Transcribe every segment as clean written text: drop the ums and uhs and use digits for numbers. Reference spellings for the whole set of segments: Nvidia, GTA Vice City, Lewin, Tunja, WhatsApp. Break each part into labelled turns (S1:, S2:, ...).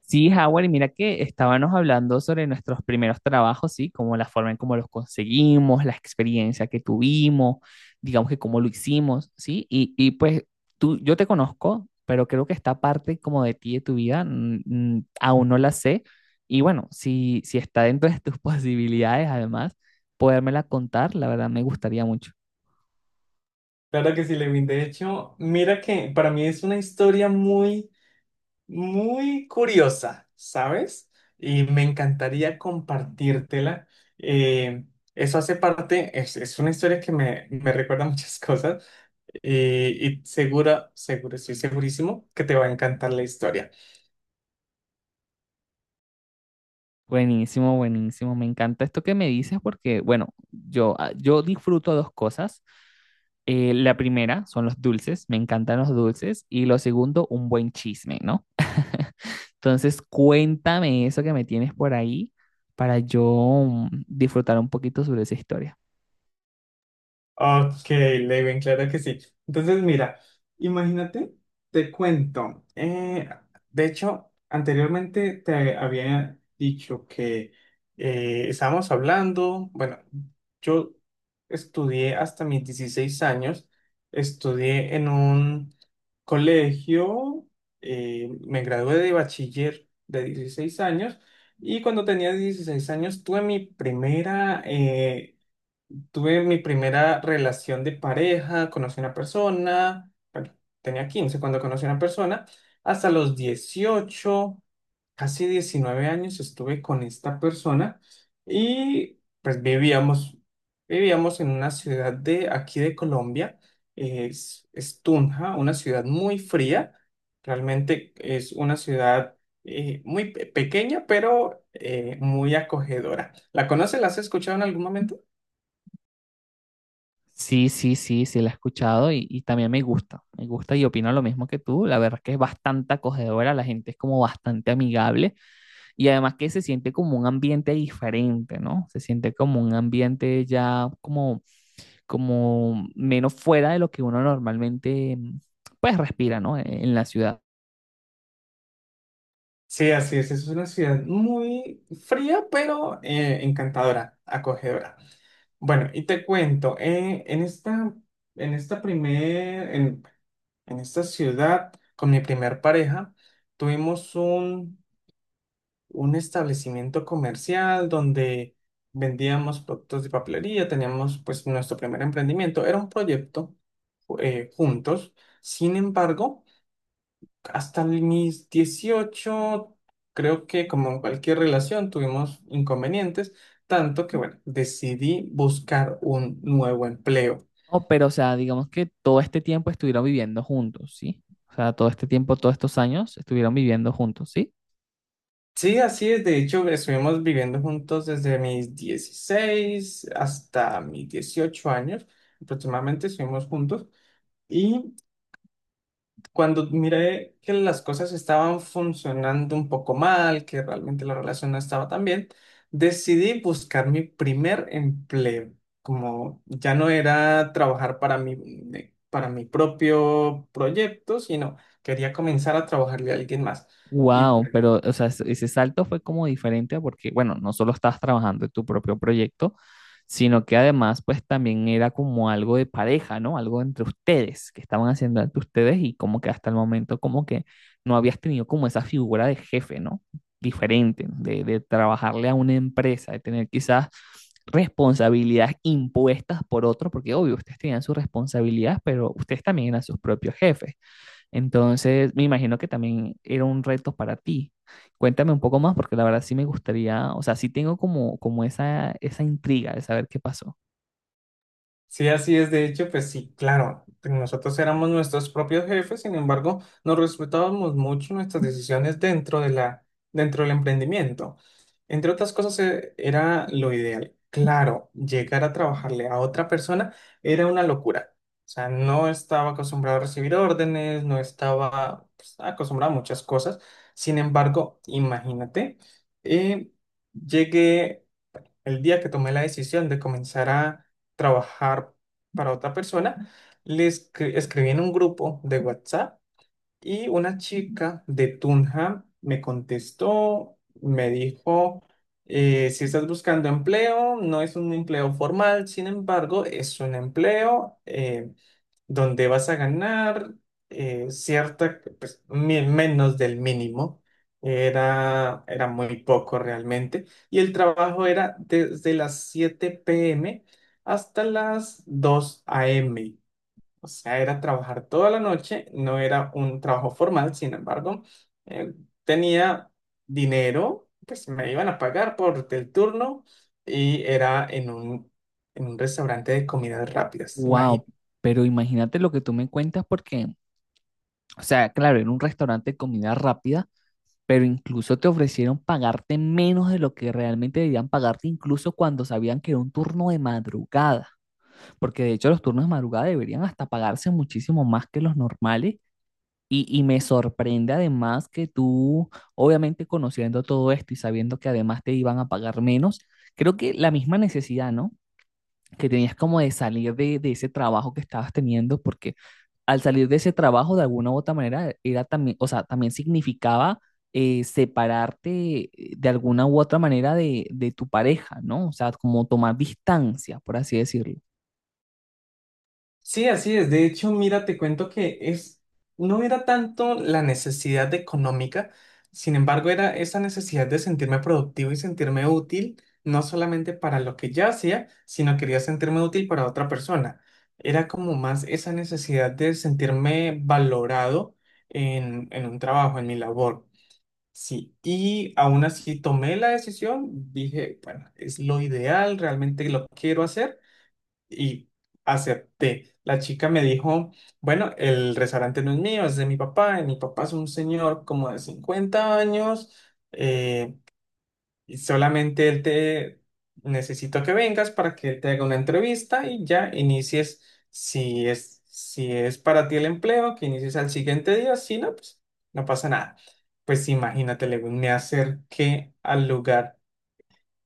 S1: Sí, Howard, y mira que estábamos hablando sobre nuestros primeros trabajos, ¿sí? Como la forma en cómo los conseguimos, la experiencia que tuvimos, digamos que cómo lo hicimos, ¿sí? Y pues tú, yo te conozco, pero creo que esta parte como de ti, de tu vida, aún no la sé. Y bueno, si está dentro de tus posibilidades, además, podérmela contar, la verdad me gustaría mucho.
S2: Claro que sí, Lewin. De hecho, mira que para mí es una historia muy, muy curiosa, ¿sabes? Y me encantaría compartírtela. Eh, Eso hace parte, es una historia que me recuerda muchas cosas eh, y seguro, estoy segurísimo que te va a encantar la historia.
S1: Buenísimo, buenísimo. Me encanta esto que me dices porque, bueno, yo, yo disfruto dos cosas. La primera son los dulces, me encantan los dulces. Y lo segundo, un buen chisme, ¿no? Entonces, cuéntame eso que me tienes por ahí para yo disfrutar un poquito sobre esa historia.
S2: Ok, Lewin, claro que sí. Entonces, mira, imagínate, te cuento. De hecho, anteriormente te había dicho que estábamos hablando, bueno, yo estudié hasta mis 16 años, estudié en un colegio, me gradué de bachiller de 16 años y cuando tenía 16 años Tuve mi primera relación de pareja, conocí a una persona, bueno, tenía 15 cuando conocí a una persona, hasta los 18 casi 19 años estuve con esta persona y pues vivíamos en una ciudad de aquí de Colombia, es Tunja, una ciudad muy fría, realmente es una ciudad muy pequeña, pero muy acogedora. ¿La conoces? ¿La has escuchado en algún momento?
S1: Sí, sí, sí, sí, la he escuchado y también me gusta. Me gusta y opino lo mismo que tú. La verdad es que es bastante acogedora, la gente es como bastante amigable. Y además que se siente como un ambiente diferente, ¿no? Se siente como un ambiente ya como, como menos fuera de lo que uno normalmente pues respira, ¿no? En la ciudad.
S2: Sí, así es. Es una ciudad muy fría, pero encantadora, acogedora. Bueno, y te cuento, en esta primer, en, en esta ciudad, con mi primer pareja, tuvimos un, un establecimiento comercial donde vendíamos productos de papelería, teníamos pues nuestro primer emprendimiento. Era un proyecto juntos. Sin embargo, hasta mis 18 creo que como en cualquier relación tuvimos inconvenientes, tanto que bueno, decidí buscar un nuevo empleo.
S1: No, pero o sea, digamos que todo este tiempo estuvieron viviendo juntos, ¿sí? O sea, todo este tiempo, todos estos años estuvieron viviendo juntos, ¿sí?
S2: Sí, así es, de hecho, estuvimos viviendo juntos desde mis 16 hasta mis 18 años, aproximadamente estuvimos juntos, y cuando miré que las cosas estaban funcionando un poco mal, que realmente la relación no estaba tan bien, decidí buscar mi primer empleo. Como ya no era trabajar para mi propio proyecto, sino quería comenzar a trabajarle a alguien más. Y
S1: Wow, pero o sea, ese salto fue como diferente porque, bueno, no solo estabas trabajando en tu propio proyecto, sino que además, pues también era como algo de pareja, ¿no? Algo entre ustedes, que estaban haciendo entre ustedes y como que hasta el momento como que no habías tenido como esa figura de jefe, ¿no? Diferente, de trabajarle a una empresa, de tener quizás responsabilidades impuestas por otros, porque obvio, ustedes tenían sus responsabilidades, pero ustedes también eran sus propios jefes. Entonces, me imagino que también era un reto para ti. Cuéntame un poco más, porque la verdad sí me gustaría, o sea, sí tengo como, como esa intriga de saber qué pasó.
S2: Sí, así es. De hecho, pues sí, claro, nosotros éramos nuestros propios jefes, sin embargo, nos respetábamos mucho nuestras decisiones dentro del emprendimiento. Entre otras cosas, era lo ideal. Claro, llegar a trabajarle a otra persona era una locura. O sea, no estaba acostumbrado a recibir órdenes, no estaba, pues, acostumbrado a muchas cosas. Sin embargo, imagínate, eh, llegué el día que tomé la decisión de comenzar a trabajar para otra persona, escribí en un grupo de WhatsApp y una chica de Tunja me contestó, me dijo, si estás buscando empleo, no es un empleo formal, sin embargo, es un empleo, donde vas a ganar cierta, pues, menos del mínimo. Era muy poco realmente. Y el trabajo era desde las 7 p.m. hasta las 2 a.m. O sea, era trabajar toda la noche. No era un trabajo formal, sin embargo, eh, tenía dinero, pues me iban a pagar por el turno y era en un restaurante de comidas rápidas.
S1: Wow, pero imagínate lo que tú me cuentas, porque, o sea, claro, era un restaurante de comida rápida, pero incluso te ofrecieron pagarte menos de lo que realmente debían pagarte, incluso cuando sabían que era un turno de madrugada, porque de hecho los turnos de madrugada deberían hasta pagarse muchísimo más que los normales. Y me sorprende además que tú, obviamente conociendo todo esto y sabiendo que además te iban a pagar menos, creo que la misma necesidad, ¿no? Que tenías como de salir de ese trabajo que estabas teniendo, porque al salir de ese trabajo, de alguna u otra manera, era también, o sea, también significaba separarte de alguna u otra manera de tu pareja, ¿no? O sea, como tomar distancia, por así decirlo.
S2: Sí, así es. De hecho, mira, te cuento, no era tanto la necesidad de económica, sin embargo, era esa necesidad de sentirme productivo y sentirme útil, no solamente para lo que yo hacía, sino quería sentirme útil para otra persona. Era como más esa necesidad de sentirme valorado en un trabajo, en mi labor. Sí, y aún así tomé la decisión, dije, bueno, es lo ideal, realmente lo quiero hacer y acepté. La chica me dijo, bueno, el restaurante no es mío, es de mi papá. Mi papá es un señor como de 50 años eh, y solamente él te necesito que vengas para que él te haga una entrevista y ya inicies si es para ti el empleo, que inicies al siguiente día. Si no, pues no pasa nada. Pues imagínate, Lewin, me acerqué al lugar,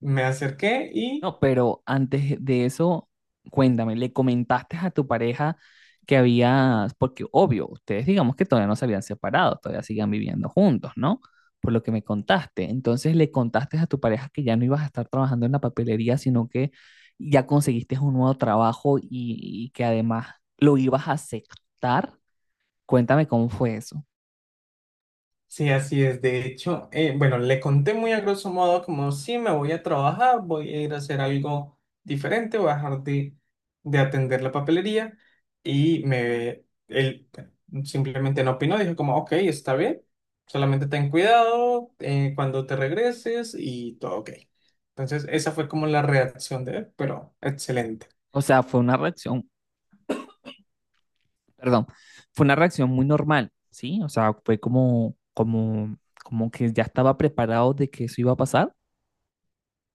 S2: me acerqué y...
S1: No, pero antes de eso, cuéntame, ¿le comentaste a tu pareja que habías, porque obvio, ustedes digamos que todavía no se habían separado, todavía siguen viviendo juntos, ¿no? Por lo que me contaste. Entonces, ¿le contaste a tu pareja que ya no ibas a estar trabajando en la papelería, sino que ya conseguiste un nuevo trabajo y que además lo ibas a aceptar? Cuéntame cómo fue eso.
S2: Sí, así es. De hecho, bueno, le conté muy a grosso modo como sí, me voy a trabajar, voy a ir a hacer algo diferente, voy a dejar de atender la papelería él, bueno, simplemente no opinó, dijo como, ok, está bien, solamente ten cuidado cuando te regreses y todo ok. Entonces, esa fue como la reacción de él, pero excelente.
S1: O sea, fue una reacción perdón, fue una reacción muy normal, ¿sí? O sea, fue como, como, como que ya estaba preparado de que eso iba a pasar.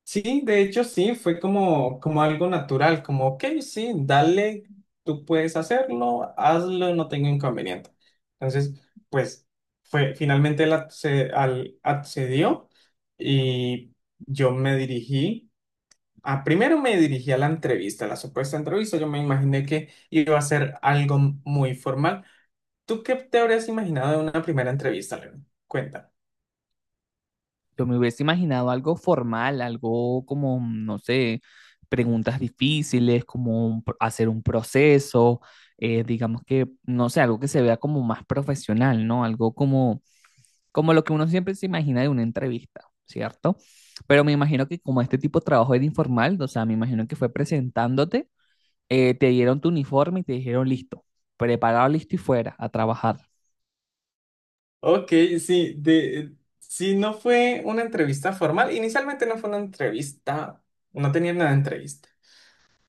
S2: Sí, de hecho sí, fue como algo natural, como, ok, sí, dale, tú puedes hacerlo, hazlo, no tengo inconveniente. Entonces, pues fue, finalmente accedió y yo me dirigí, primero me dirigí a la entrevista, a la supuesta entrevista, yo me imaginé que iba a ser algo muy formal. ¿Tú qué te habrías imaginado de una primera entrevista, León? Cuenta.
S1: Yo me hubiese imaginado algo formal, algo como, no sé, preguntas difíciles, como un hacer un proceso, digamos que, no sé, algo que se vea como más profesional, ¿no? Algo como, como lo que uno siempre se imagina de una entrevista, ¿cierto? Pero me imagino que como este tipo de trabajo era informal, o sea, me imagino que fue presentándote te dieron tu uniforme y te dijeron listo, preparado, listo y fuera a trabajar.
S2: Ok, sí, sí, no fue una entrevista formal. Inicialmente no fue una entrevista, no tenía nada de entrevista.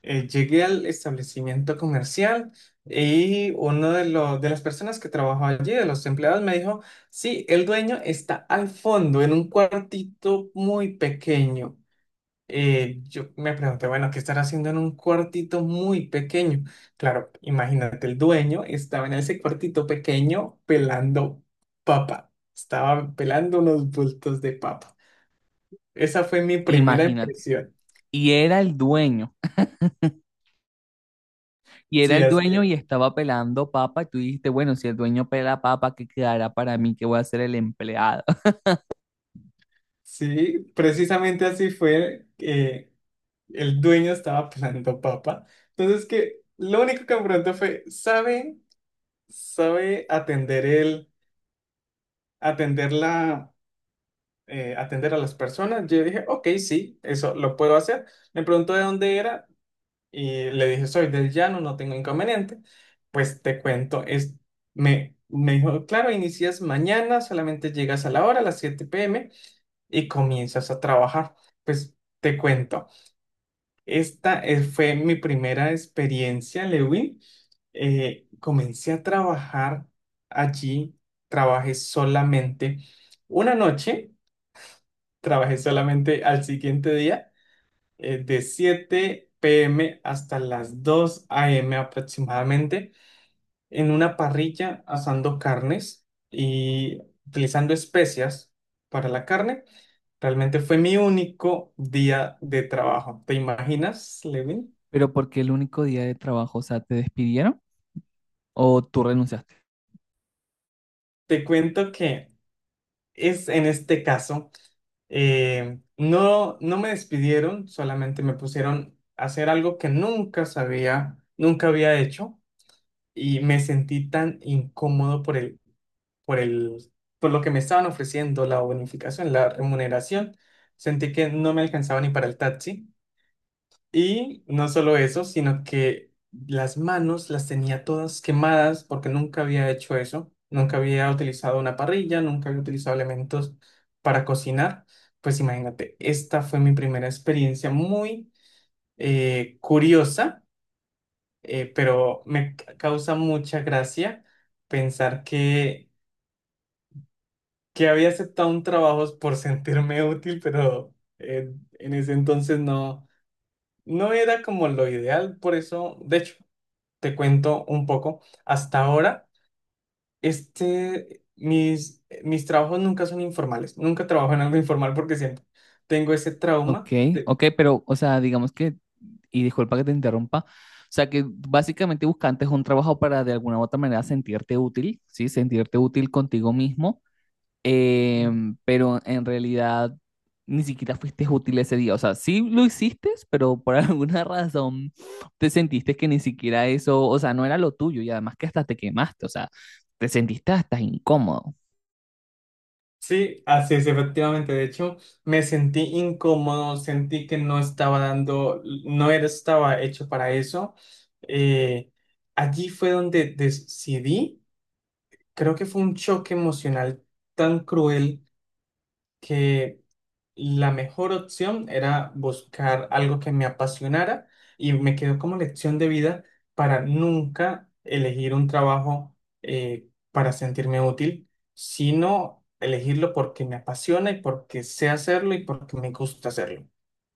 S2: Llegué al establecimiento comercial y los de las personas que trabajaba allí, de los empleados, me dijo, sí, el dueño está al fondo, en un cuartito muy pequeño. Yo me pregunté, bueno, ¿qué estará haciendo en un cuartito muy pequeño? Claro, imagínate, el dueño estaba en ese cuartito pequeño pelando papa, estaba pelando unos bultos de papa. Esa fue mi primera
S1: Imagínate.
S2: impresión.
S1: Y era el dueño, y era
S2: Sí,
S1: el
S2: así
S1: dueño
S2: es.
S1: y estaba pelando papa, y tú dijiste, bueno, si el dueño pela papa, ¿qué quedará para mí, que voy a ser el empleado?
S2: Sí, precisamente así fue. El dueño estaba pelando papa. Entonces, que lo único que me preguntó fue: ¿sabe, sabe atender el, atender la, atender a las personas? Yo dije, ok, sí, eso lo puedo hacer. Me preguntó de dónde era y le dije, soy del llano, no tengo inconveniente. Pues te cuento, me dijo, claro, inicias mañana, solamente llegas a la hora, a las 7 p.m. y comienzas a trabajar. Pues te cuento, esta fue mi primera experiencia, Lewin. Comencé a trabajar allí, trabajé solamente una noche trabajé solamente al siguiente día, de 7 p.m. hasta las 2 a.m. aproximadamente, en una parrilla asando carnes y utilizando especias para la carne. Realmente fue mi único día de trabajo. ¿Te imaginas, Levin?
S1: Pero porque el único día de trabajo, o sea, ¿te despidieron o tú renunciaste?
S2: Te cuento que es en este caso, no, no me despidieron, solamente me pusieron a hacer algo que nunca sabía, nunca había hecho y me sentí tan incómodo, por el, por lo que me estaban ofreciendo, la bonificación, la remuneración. Sentí que no me alcanzaba ni para el taxi. Y no solo eso, sino que las manos las tenía todas quemadas porque nunca había hecho eso. Nunca había utilizado una parrilla, nunca había utilizado elementos para cocinar. Pues imagínate, esta fue mi primera experiencia muy curiosa, pero me causa mucha gracia pensar que había aceptado un trabajo por sentirme útil, pero en ese entonces no, no era como lo ideal, por eso, de hecho, te cuento un poco, hasta ahora, este, mis trabajos nunca son informales, nunca trabajo en algo informal porque siempre tengo ese
S1: Ok,
S2: trauma.
S1: ok, pero, o sea, digamos que, y disculpa que te interrumpa, o sea, que básicamente buscantes un trabajo para de alguna u otra manera sentirte útil, ¿sí? Sentirte útil contigo mismo. Pero en realidad ni siquiera fuiste útil ese día. O sea, sí lo hiciste, pero por alguna razón te sentiste que ni siquiera eso, o sea, no era lo tuyo y además que hasta te quemaste, o sea, te sentiste hasta incómodo.
S2: Sí, así es, efectivamente. De hecho, me sentí incómodo, sentí que no estaba dando, no era, estaba hecho para eso. Eh, Allí fue donde decidí, creo que fue un choque emocional tan cruel que la mejor opción era buscar algo que me apasionara y me quedó como lección de vida para nunca elegir un trabajo para sentirme útil, sino elegirlo porque me apasiona y porque sé hacerlo y porque me gusta hacerlo.